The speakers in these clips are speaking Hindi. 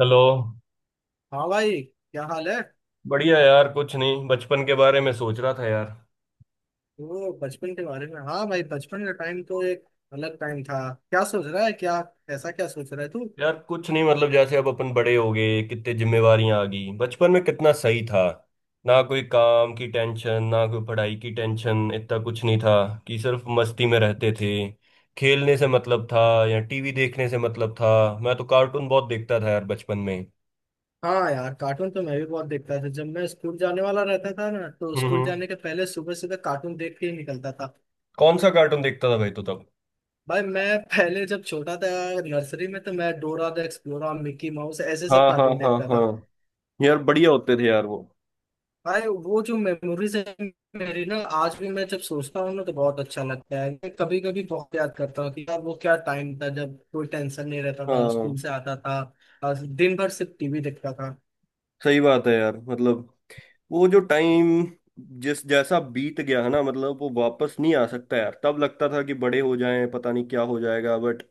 हेलो। हाँ भाई, क्या हाल है? बढ़िया यार, कुछ नहीं, बचपन के बारे में सोच रहा था यार। वो बचपन के बारे में? हाँ भाई, बचपन का टाइम तो एक अलग टाइम था। क्या सोच रहा है क्या? ऐसा क्या सोच रहा है तू? यार कुछ नहीं, मतलब जैसे अब अपन बड़े हो गए, कितने जिम्मेवारियां आ गई। बचपन में कितना सही था। ना कोई काम की टेंशन, ना कोई पढ़ाई की टेंशन, इतना कुछ नहीं था। कि सिर्फ मस्ती में रहते थे। खेलने से मतलब था या टीवी देखने से मतलब था। मैं तो कार्टून बहुत देखता था यार बचपन में। हाँ यार, कार्टून तो मैं भी बहुत देखता था। जब मैं स्कूल जाने वाला रहता था ना तो हम्म, स्कूल हम्म। जाने के पहले सुबह सुबह कार्टून देख के ही निकलता था। कौन सा कार्टून देखता था भाई तो तब? भाई, मैं पहले जब छोटा था नर्सरी में तो मैं Dora the Explorer, Mickey Mouse, ऐसे सब हाँ हाँ कार्टून हाँ देखता था। हाँ। यार बढ़िया होते थे यार वो। भाई, वो जो मेमोरीज है मेरी ना, आज भी मैं जब सोचता हूँ ना तो बहुत अच्छा लगता है। मैं कभी कभी बहुत याद करता हूँ कि यार वो क्या टाइम था, जब कोई टेंशन नहीं रहता था, स्कूल हाँ, से आता था और दिन भर सिर्फ टीवी देखता था। सही बात है यार मतलब। वो जो टाइम जिस जैसा बीत गया है ना, मतलब वो वापस नहीं आ सकता यार। तब लगता था कि बड़े हो जाएं पता नहीं क्या हो जाएगा, बट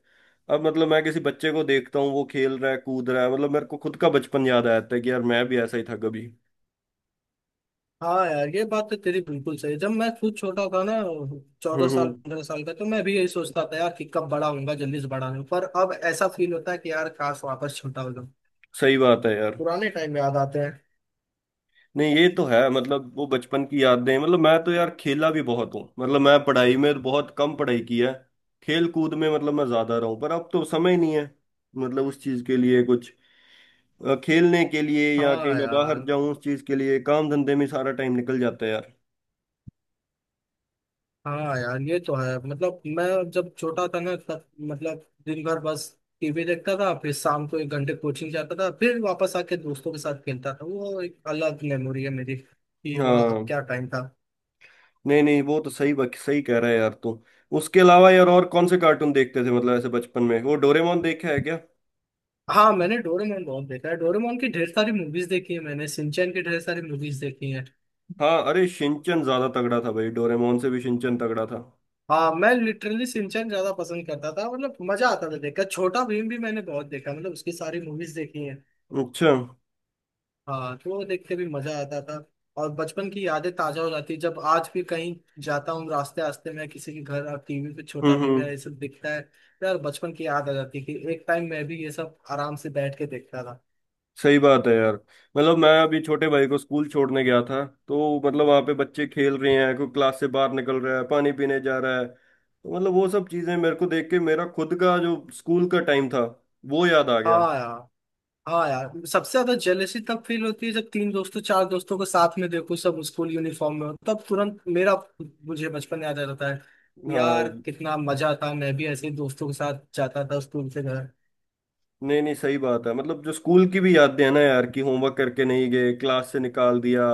अब मतलब मैं किसी बच्चे को देखता हूँ, वो खेल रहा है कूद रहा है, मतलब मेरे को खुद का बचपन याद आ जाता है कि यार मैं भी ऐसा ही था कभी। हाँ यार, ये बात तो तेरी बिल्कुल सही है। जब मैं खुद छोटा था ना, चौदह हम्म, साल 15 साल का, तो मैं भी यही सोचता था यार कि कब बड़ा होऊंगा, जल्दी से बड़ा हूँ। पर अब ऐसा फील होता है कि यार काश वापस छोटा हो जाऊं। सही बात है यार। पुराने टाइम याद आते हैं। नहीं, ये तो है, मतलब वो बचपन की यादें, मतलब मैं तो यार खेला भी बहुत हूँ, मतलब मैं पढ़ाई में बहुत कम पढ़ाई की है। खेल कूद में मतलब मैं ज्यादा रहा हूँ, पर अब तो समय नहीं है। मतलब उस चीज के लिए कुछ खेलने के लिए या कहीं हाँ मैं बाहर यार। जाऊं उस चीज के लिए, काम धंधे में सारा टाइम निकल जाता है यार। हाँ यार, ये तो है। मतलब मैं जब छोटा था ना, तब मतलब दिन भर बस टीवी देखता था, फिर शाम को 1 घंटे कोचिंग जाता था, फिर वापस आके दोस्तों के साथ खेलता था। वो एक अलग मेमोरी है मेरी कि वहाँ अब हाँ। क्या टाइम था। नहीं नहीं, वो तो सही बात, सही कह रहा है यार तू। उसके अलावा यार और कौन से कार्टून देखते थे, मतलब ऐसे बचपन में? वो डोरेमोन देखा है क्या? हाँ, मैंने डोरेमोन बहुत देखा है। डोरेमोन की ढेर सारी मूवीज देखी है, मैंने सिंचैन की ढेर सारी मूवीज देखी है। हाँ, अरे शिनचैन ज्यादा तगड़ा था भाई। डोरेमोन से भी शिनचैन तगड़ा था। हाँ, मैं लिटरली सिंचैन ज्यादा पसंद करता था। मतलब मजा आता था देखकर। छोटा भीम भी मैंने बहुत देखा, मतलब उसकी सारी मूवीज देखी है। अच्छा। हाँ, तो वो देखते भी मजा आता था। और बचपन की यादें ताजा हो जाती है जब आज भी कहीं जाता हूँ रास्ते रास्ते में किसी के घर और टीवी पे छोटा हम्म, भी मेरा हम्म। ये सब दिखता है तो यार बचपन की याद आ जाती है कि एक टाइम मैं भी ये सब आराम से बैठ के देखता था। सही बात है यार। मतलब मैं अभी छोटे भाई को स्कूल छोड़ने गया था, तो मतलब वहाँ पे बच्चे खेल रहे हैं, कोई क्लास से बाहर निकल रहा है, पानी पीने जा रहा है, तो मतलब वो सब चीजें मेरे को देख के मेरा खुद का जो स्कूल का टाइम था वो याद आ गया। हाँ यार। हाँ यार, सबसे ज्यादा जेलसी तब फील होती है जब तीन दोस्तों चार दोस्तों को साथ में देखो, सब स्कूल यूनिफॉर्म में हो, तब तुरंत मेरा मुझे बचपन याद आ जाता है। हाँ। यार कितना मजा था, मैं भी ऐसे ही दोस्तों के साथ जाता था स्कूल से घर। नहीं नहीं, सही बात है। मतलब जो स्कूल की भी यादें हैं ना यार, कि होमवर्क करके नहीं गए, क्लास से निकाल दिया,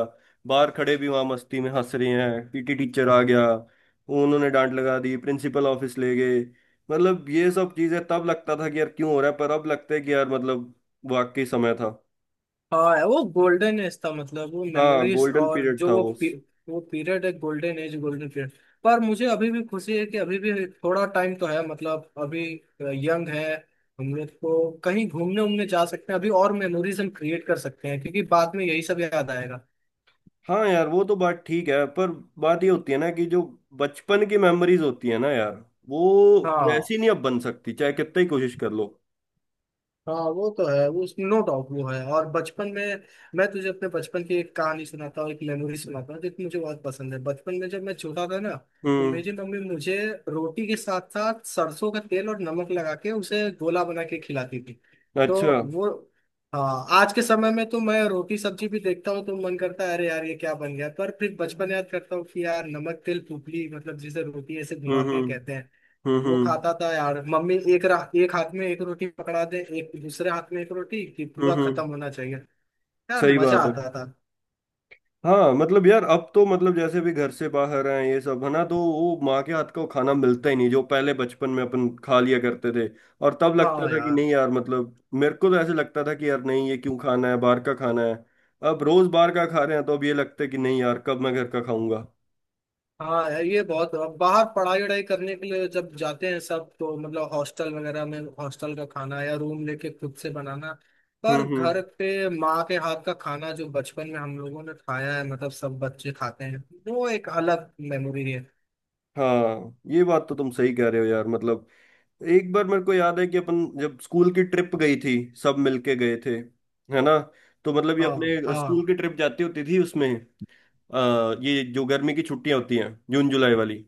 बाहर खड़े भी वहां मस्ती में हंस रहे हैं, पीटी टीचर आ गया, उन्होंने डांट लगा दी, प्रिंसिपल ऑफिस ले गए। मतलब ये सब चीजें तब लगता था कि यार क्यों हो रहा है, पर अब लगता है कि यार मतलब वाकई समय था। हाँ, वो गोल्डन एज था। मतलब वो हाँ, मेमोरीज गोल्डन और पीरियड जो था वो। वो पीरियड है, गोल्डन एज, गोल्डन पीरियड। पर मुझे अभी भी खुशी है कि अभी भी थोड़ा टाइम तो है। मतलब अभी यंग है, हम लोग को कहीं घूमने उमने जा सकते हैं अभी, और मेमोरीज हम क्रिएट कर सकते हैं, क्योंकि बाद में यही सब याद आएगा। हाँ यार, वो तो बात ठीक है, पर बात ये होती है ना, कि जो बचपन की मेमोरीज होती है ना यार, वो हाँ वैसी नहीं अब बन सकती, चाहे कितना ही कोशिश कर लो। हाँ, वो तो है, वो नो डाउट वो है। और बचपन में मैं तुझे अपने बचपन की एक कहानी सुनाता हूँ, एक मेमोरी सुनाता हूँ जो कि मुझे बहुत पसंद है। बचपन में जब मैं छोटा था ना तो हम्म। मेरी मम्मी मुझे रोटी के साथ साथ सरसों का तेल और नमक लगा के उसे गोला बना के खिलाती थी। तो अच्छा। वो, हाँ, आज के समय में तो मैं रोटी सब्जी भी देखता हूँ तो मन करता है अरे यार ये क्या बन गया, पर फिर बचपन याद करता हूँ कि यार नमक तेल पुपली, मतलब जिसे रोटी ऐसे हम्म, घुमा के कहते हम्म, हैं, वो हम्म, खाता था यार। मम्मी एक हाथ में एक रोटी पकड़ा दे, एक दूसरे हाथ में एक रोटी, कि हम्म, पूरा खत्म होना चाहिए। यार सही मजा बात है। आता था। हाँ मतलब यार, अब तो मतलब जैसे भी घर से बाहर आए ये सब है ना, तो वो माँ के हाथ का वो खाना मिलता ही नहीं जो पहले बचपन में अपन खा लिया करते थे। और तब लगता हाँ था कि यार। नहीं यार, मतलब मेरे को तो ऐसे लगता था कि यार नहीं, ये क्यों खाना है, बाहर का खाना है। अब रोज बाहर का खा रहे हैं, तो अब ये लगता है कि नहीं यार, कब मैं घर का खाऊंगा। हाँ यार, ये बहुत, अब बाहर पढ़ाई वढ़ाई करने के लिए जब जाते हैं सब, तो मतलब हॉस्टल वगैरह में हॉस्टल का खाना या रूम लेके खुद से बनाना। हम्म, पर हम्म। घर पे माँ के हाथ का खाना जो बचपन में हम लोगों ने खाया है, मतलब सब बच्चे खाते हैं, वो एक अलग मेमोरी है। हाँ, ये बात तो तुम सही कह रहे हो यार। मतलब एक बार मेरे को याद है कि अपन जब स्कूल की ट्रिप गई थी, सब मिलके गए थे, है ना? तो मतलब ये हाँ अपने हाँ, स्कूल की ट्रिप जाती होती थी, उसमें ये जो गर्मी की छुट्टियां होती हैं, जून जुलाई वाली।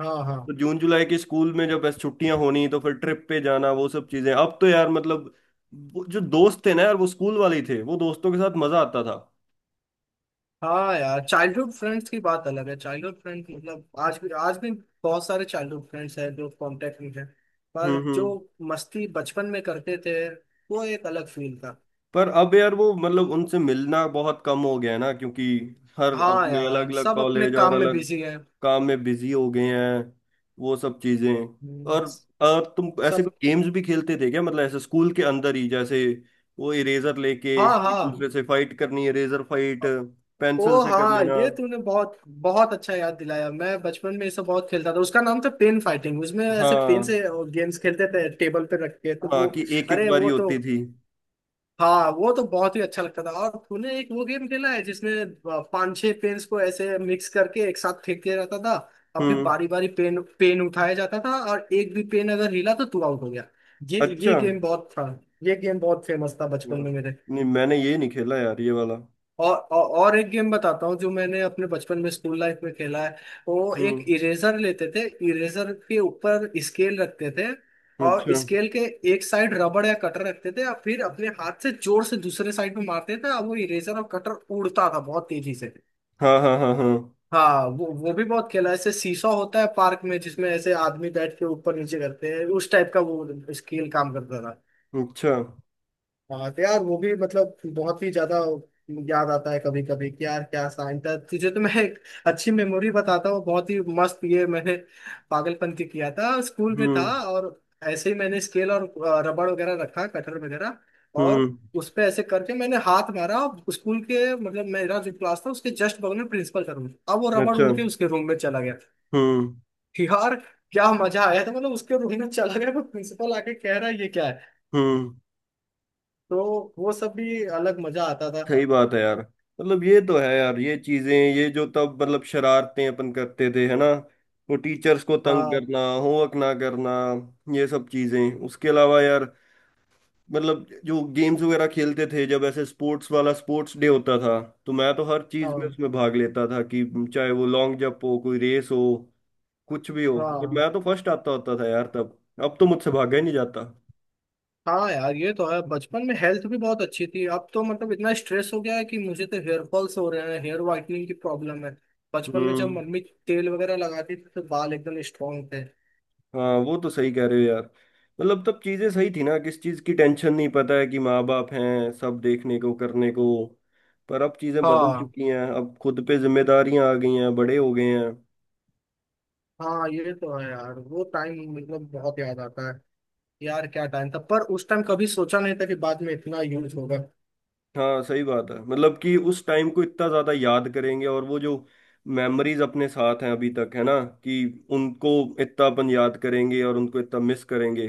हाँ हाँ। तो जून जुलाई के स्कूल में जब बस छुट्टियां होनी तो फिर ट्रिप पे जाना, वो सब चीजें अब तो यार मतलब। वो जो दोस्त थे ना यार, वो स्कूल वाले ही थे, वो दोस्तों के साथ मजा आता था। हाँ यार, चाइल्डहुड फ्रेंड्स की बात अलग है। चाइल्डहुड फ्रेंड मतलब आज भी, आज भी बहुत सारे चाइल्डहुड फ्रेंड्स हैं जो कांटेक्ट में हैं, हम्म, पर जो हम्म। मस्ती बचपन में करते थे वो एक अलग फील था। पर अब यार वो, मतलब उनसे मिलना बहुत कम हो गया है ना, क्योंकि हर हाँ अपने अलग यार, अलग सब अपने कॉलेज और काम में अलग बिजी हैं। काम में बिजी हो गए हैं, वो सब चीजें। हम्म। और और तुम ऐसे सब। कुछ गेम्स भी खेलते थे क्या, मतलब ऐसे स्कूल के अंदर ही, जैसे वो इरेजर लेके हाँ एक हाँ। दूसरे से फाइट करनी, इरेजर फाइट, पेंसिल ओ से कर हाँ, लेना। ये तूने बहुत बहुत अच्छा याद दिलाया। मैं बचपन में ये सब बहुत खेलता था, उसका नाम था पेन फाइटिंग। उसमें ऐसे पेन हाँ से गेम्स खेलते थे टेबल पे रख के, तो हाँ, वो, कि एक एक अरे बारी वो तो होती थी। हाँ, वो तो बहुत ही अच्छा लगता था। और तूने एक वो गेम खेला है जिसमें पांच छह पेन्स को ऐसे मिक्स करके एक साथ फेंक दिया जाता था, और फिर हम्म। बारी बारी पेन पेन उठाया जाता था और एक भी पेन अगर हिला तो तू आउट हो गया। ये अच्छा। ये गेम बहुत था ये गेम बहुत फेमस था बचपन में मेरे। नहीं मैंने ये नहीं खेला यार, ये वाला। और एक गेम बताता हूँ जो मैंने अपने बचपन में स्कूल लाइफ में खेला है। वो एक हम्म। इरेजर लेते थे, इरेजर के ऊपर स्केल रखते थे, और अच्छा। स्केल के एक साइड रबड़ या कटर रखते थे, और फिर अपने हाथ से जोर से दूसरे साइड में मारते थे और वो इरेजर और कटर उड़ता था बहुत तेजी से। हाँ हाँ हाँ हाँ। हाँ, वो भी बहुत खेला है। ऐसे सीसॉ होता है पार्क में जिसमें ऐसे आदमी बैठ के ऊपर नीचे करते हैं, उस टाइप का वो स्केल काम करता था। अच्छा। हाँ तो यार वो भी मतलब बहुत ही ज्यादा याद आता है कभी कभी कि यार क्या साइन था। तुझे तो मैं एक अच्छी मेमोरी बताता हूँ, बहुत ही मस्त, ये मैंने पागलपन की किया था स्कूल में। था हम्म, और ऐसे ही मैंने स्केल और रबड़ वगैरह रखा, कटर वगैरह, और हम्म। उस पे ऐसे करके मैंने हाथ मारा। स्कूल के मतलब मेरा जो क्लास था उसके जस्ट बगल में प्रिंसिपल का रूम था। अब वो रबड़ अच्छा। उड़ के उसके रूम में चला गया। हम्म, यार क्या मजा आया था, मतलब उसके रूम में चला गया तो प्रिंसिपल आके कह रहा है ये क्या है। हम्म। तो वो सब भी अलग मजा आता था। सही बात है यार। मतलब ये तो है यार, ये चीजें, ये जो तब मतलब शरारतें अपन करते थे, है ना? वो टीचर्स को तंग हाँ करना, होमवर्क ना करना, ये सब चीजें। उसके अलावा यार, मतलब जो गेम्स वगैरह खेलते थे, जब ऐसे स्पोर्ट्स वाला स्पोर्ट्स डे होता था, तो मैं तो हर चीज में हाँ, उसमें भाग लेता था, कि चाहे वो लॉन्ग जंप हो, कोई रेस हो, कुछ भी हो, और हाँ मैं तो फर्स्ट आता होता था यार तब। अब तो मुझसे भागा ही नहीं जाता। हाँ। यार ये तो है, बचपन में हेल्थ भी बहुत अच्छी थी। अब तो मतलब इतना स्ट्रेस हो गया है कि मुझे तो हेयर फॉल्स हो रहे हैं, हेयर वाइटनिंग की प्रॉब्लम है। बचपन में जब हम्म। मम्मी तेल वगैरह लगाती थी तो बाल एकदम स्ट्रांग थे। हाँ, वो तो सही कह रहे हो यार। मतलब तब चीजें सही थी ना, किस चीज की टेंशन नहीं, पता है कि माँ बाप हैं, सब देखने को करने को। पर अब चीजें बदल हाँ चुकी हैं, अब खुद पे जिम्मेदारियां आ गई हैं, बड़े हो गए हैं। हाँ, ये तो है यार, वो टाइम मतलब बहुत याद आता है। यार क्या टाइम था, पर उस टाइम कभी सोचा नहीं था कि बाद में इतना यूज होगा। हाँ, सही बात है। मतलब कि उस टाइम को इतना ज्यादा याद करेंगे, और वो जो मेमोरीज अपने साथ हैं अभी तक है ना, कि उनको इतना अपन याद करेंगे और उनको इतना मिस करेंगे।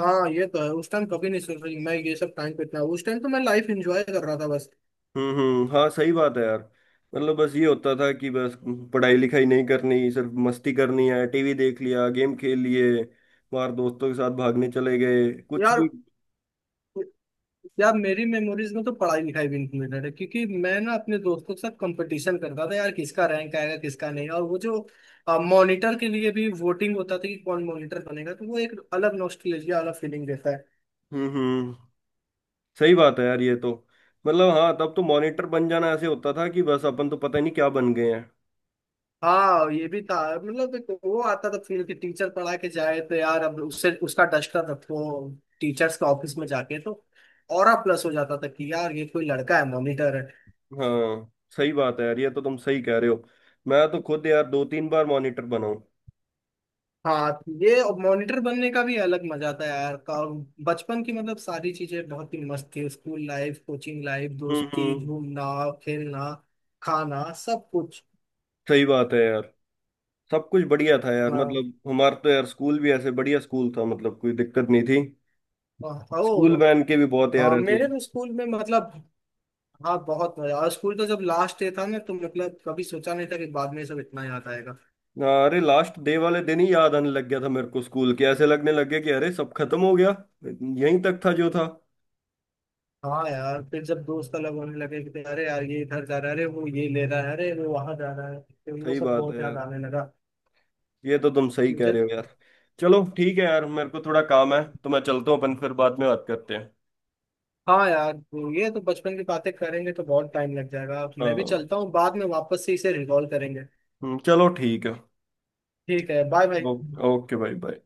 हाँ, ये तो है, उस टाइम कभी नहीं सोच रही मैं ये सब। टाइम पे इतना, उस टाइम तो मैं लाइफ एंजॉय कर रहा था बस। हम्म, हम्म। हाँ, सही बात है यार। मतलब बस ये होता था कि बस पढ़ाई लिखाई नहीं करनी, सिर्फ मस्ती करनी है, टीवी देख लिया, गेम खेल लिए, बाहर दोस्तों के साथ भागने चले गए, कुछ यार भी। यार, मेरी मेमोरीज में तो पढ़ाई लिखाई भी इंक्लूडेड है, क्योंकि मैं ना अपने दोस्तों के साथ कंपटीशन करता था यार, किसका रैंक आएगा किसका नहीं। और वो जो मॉनिटर के लिए भी वोटिंग होता था कि कौन मॉनिटर बनेगा, तो वो एक अलग नॉस्टैल्जिया, अलग फीलिंग देता है। हम्म, हम्म। सही बात है यार, ये तो। मतलब हाँ, तब तो मॉनिटर बन जाना ऐसे होता था कि बस अपन तो पता ही नहीं क्या बन गए हैं। हाँ, ये भी था। मतलब एक वो आता था फील कि टीचर पढ़ा के जाए तो यार अब उससे उसका डस्टर रखो टीचर्स के ऑफिस में जाके, तो और प्लस हो जाता था कि यार ये कोई लड़का है मॉनिटर। हाँ, सही बात है यार, ये तो तुम सही कह रहे हो। मैं तो खुद यार दो तीन बार मॉनिटर बनाऊं। हाँ, ये और मॉनिटर बनने का भी अलग मजा था यार। और बचपन की मतलब सारी चीजें बहुत ही मस्त थी, स्कूल लाइफ, कोचिंग लाइफ, हम्म, दोस्ती, हम्म। घूमना, खेलना, खाना, सब कुछ। सही बात है यार। सब कुछ बढ़िया था यार, हाँ। मतलब हमारा तो यार स्कूल भी ऐसे बढ़िया स्कूल था, मतलब कोई दिक्कत नहीं थी। स्कूल ओ वैन के भी बहुत यार हाँ, ऐसे। मेरे तो स्कूल में मतलब, हाँ, बहुत मजा। और स्कूल तो जब लास्ट डे था ना तो मतलब कभी सोचा नहीं था कि बाद में सब इतना याद आएगा। हाँ, अरे लास्ट डे वाले दिन ही याद आने लग गया था मेरे को स्कूल के, ऐसे लगने लग गया कि अरे सब खत्म हो गया, यहीं तक था जो था। हाँ यार, फिर जब दोस्त अलग होने लगे कि अरे यार ये इधर जा रहा है, अरे वो ये ले रहा है, अरे वो वहां जा रहा है, फिर वो सही सब बात है बहुत यार, याद आने लगा। ये तो तुम सही कह मुझे रहे हो यार। चलो ठीक है यार, मेरे को थोड़ा काम है तो मैं चलता हूँ, अपन फिर बाद में बात करते हैं। हाँ यार, वो, ये तो बचपन की बातें करेंगे तो बहुत टाइम लग जाएगा। मैं भी हाँ। चलता हूँ, बाद में वापस से इसे रिकॉल करेंगे। चलो ठीक है। ठीक है, बाय बाय। ओ- ओके भाई, बाय।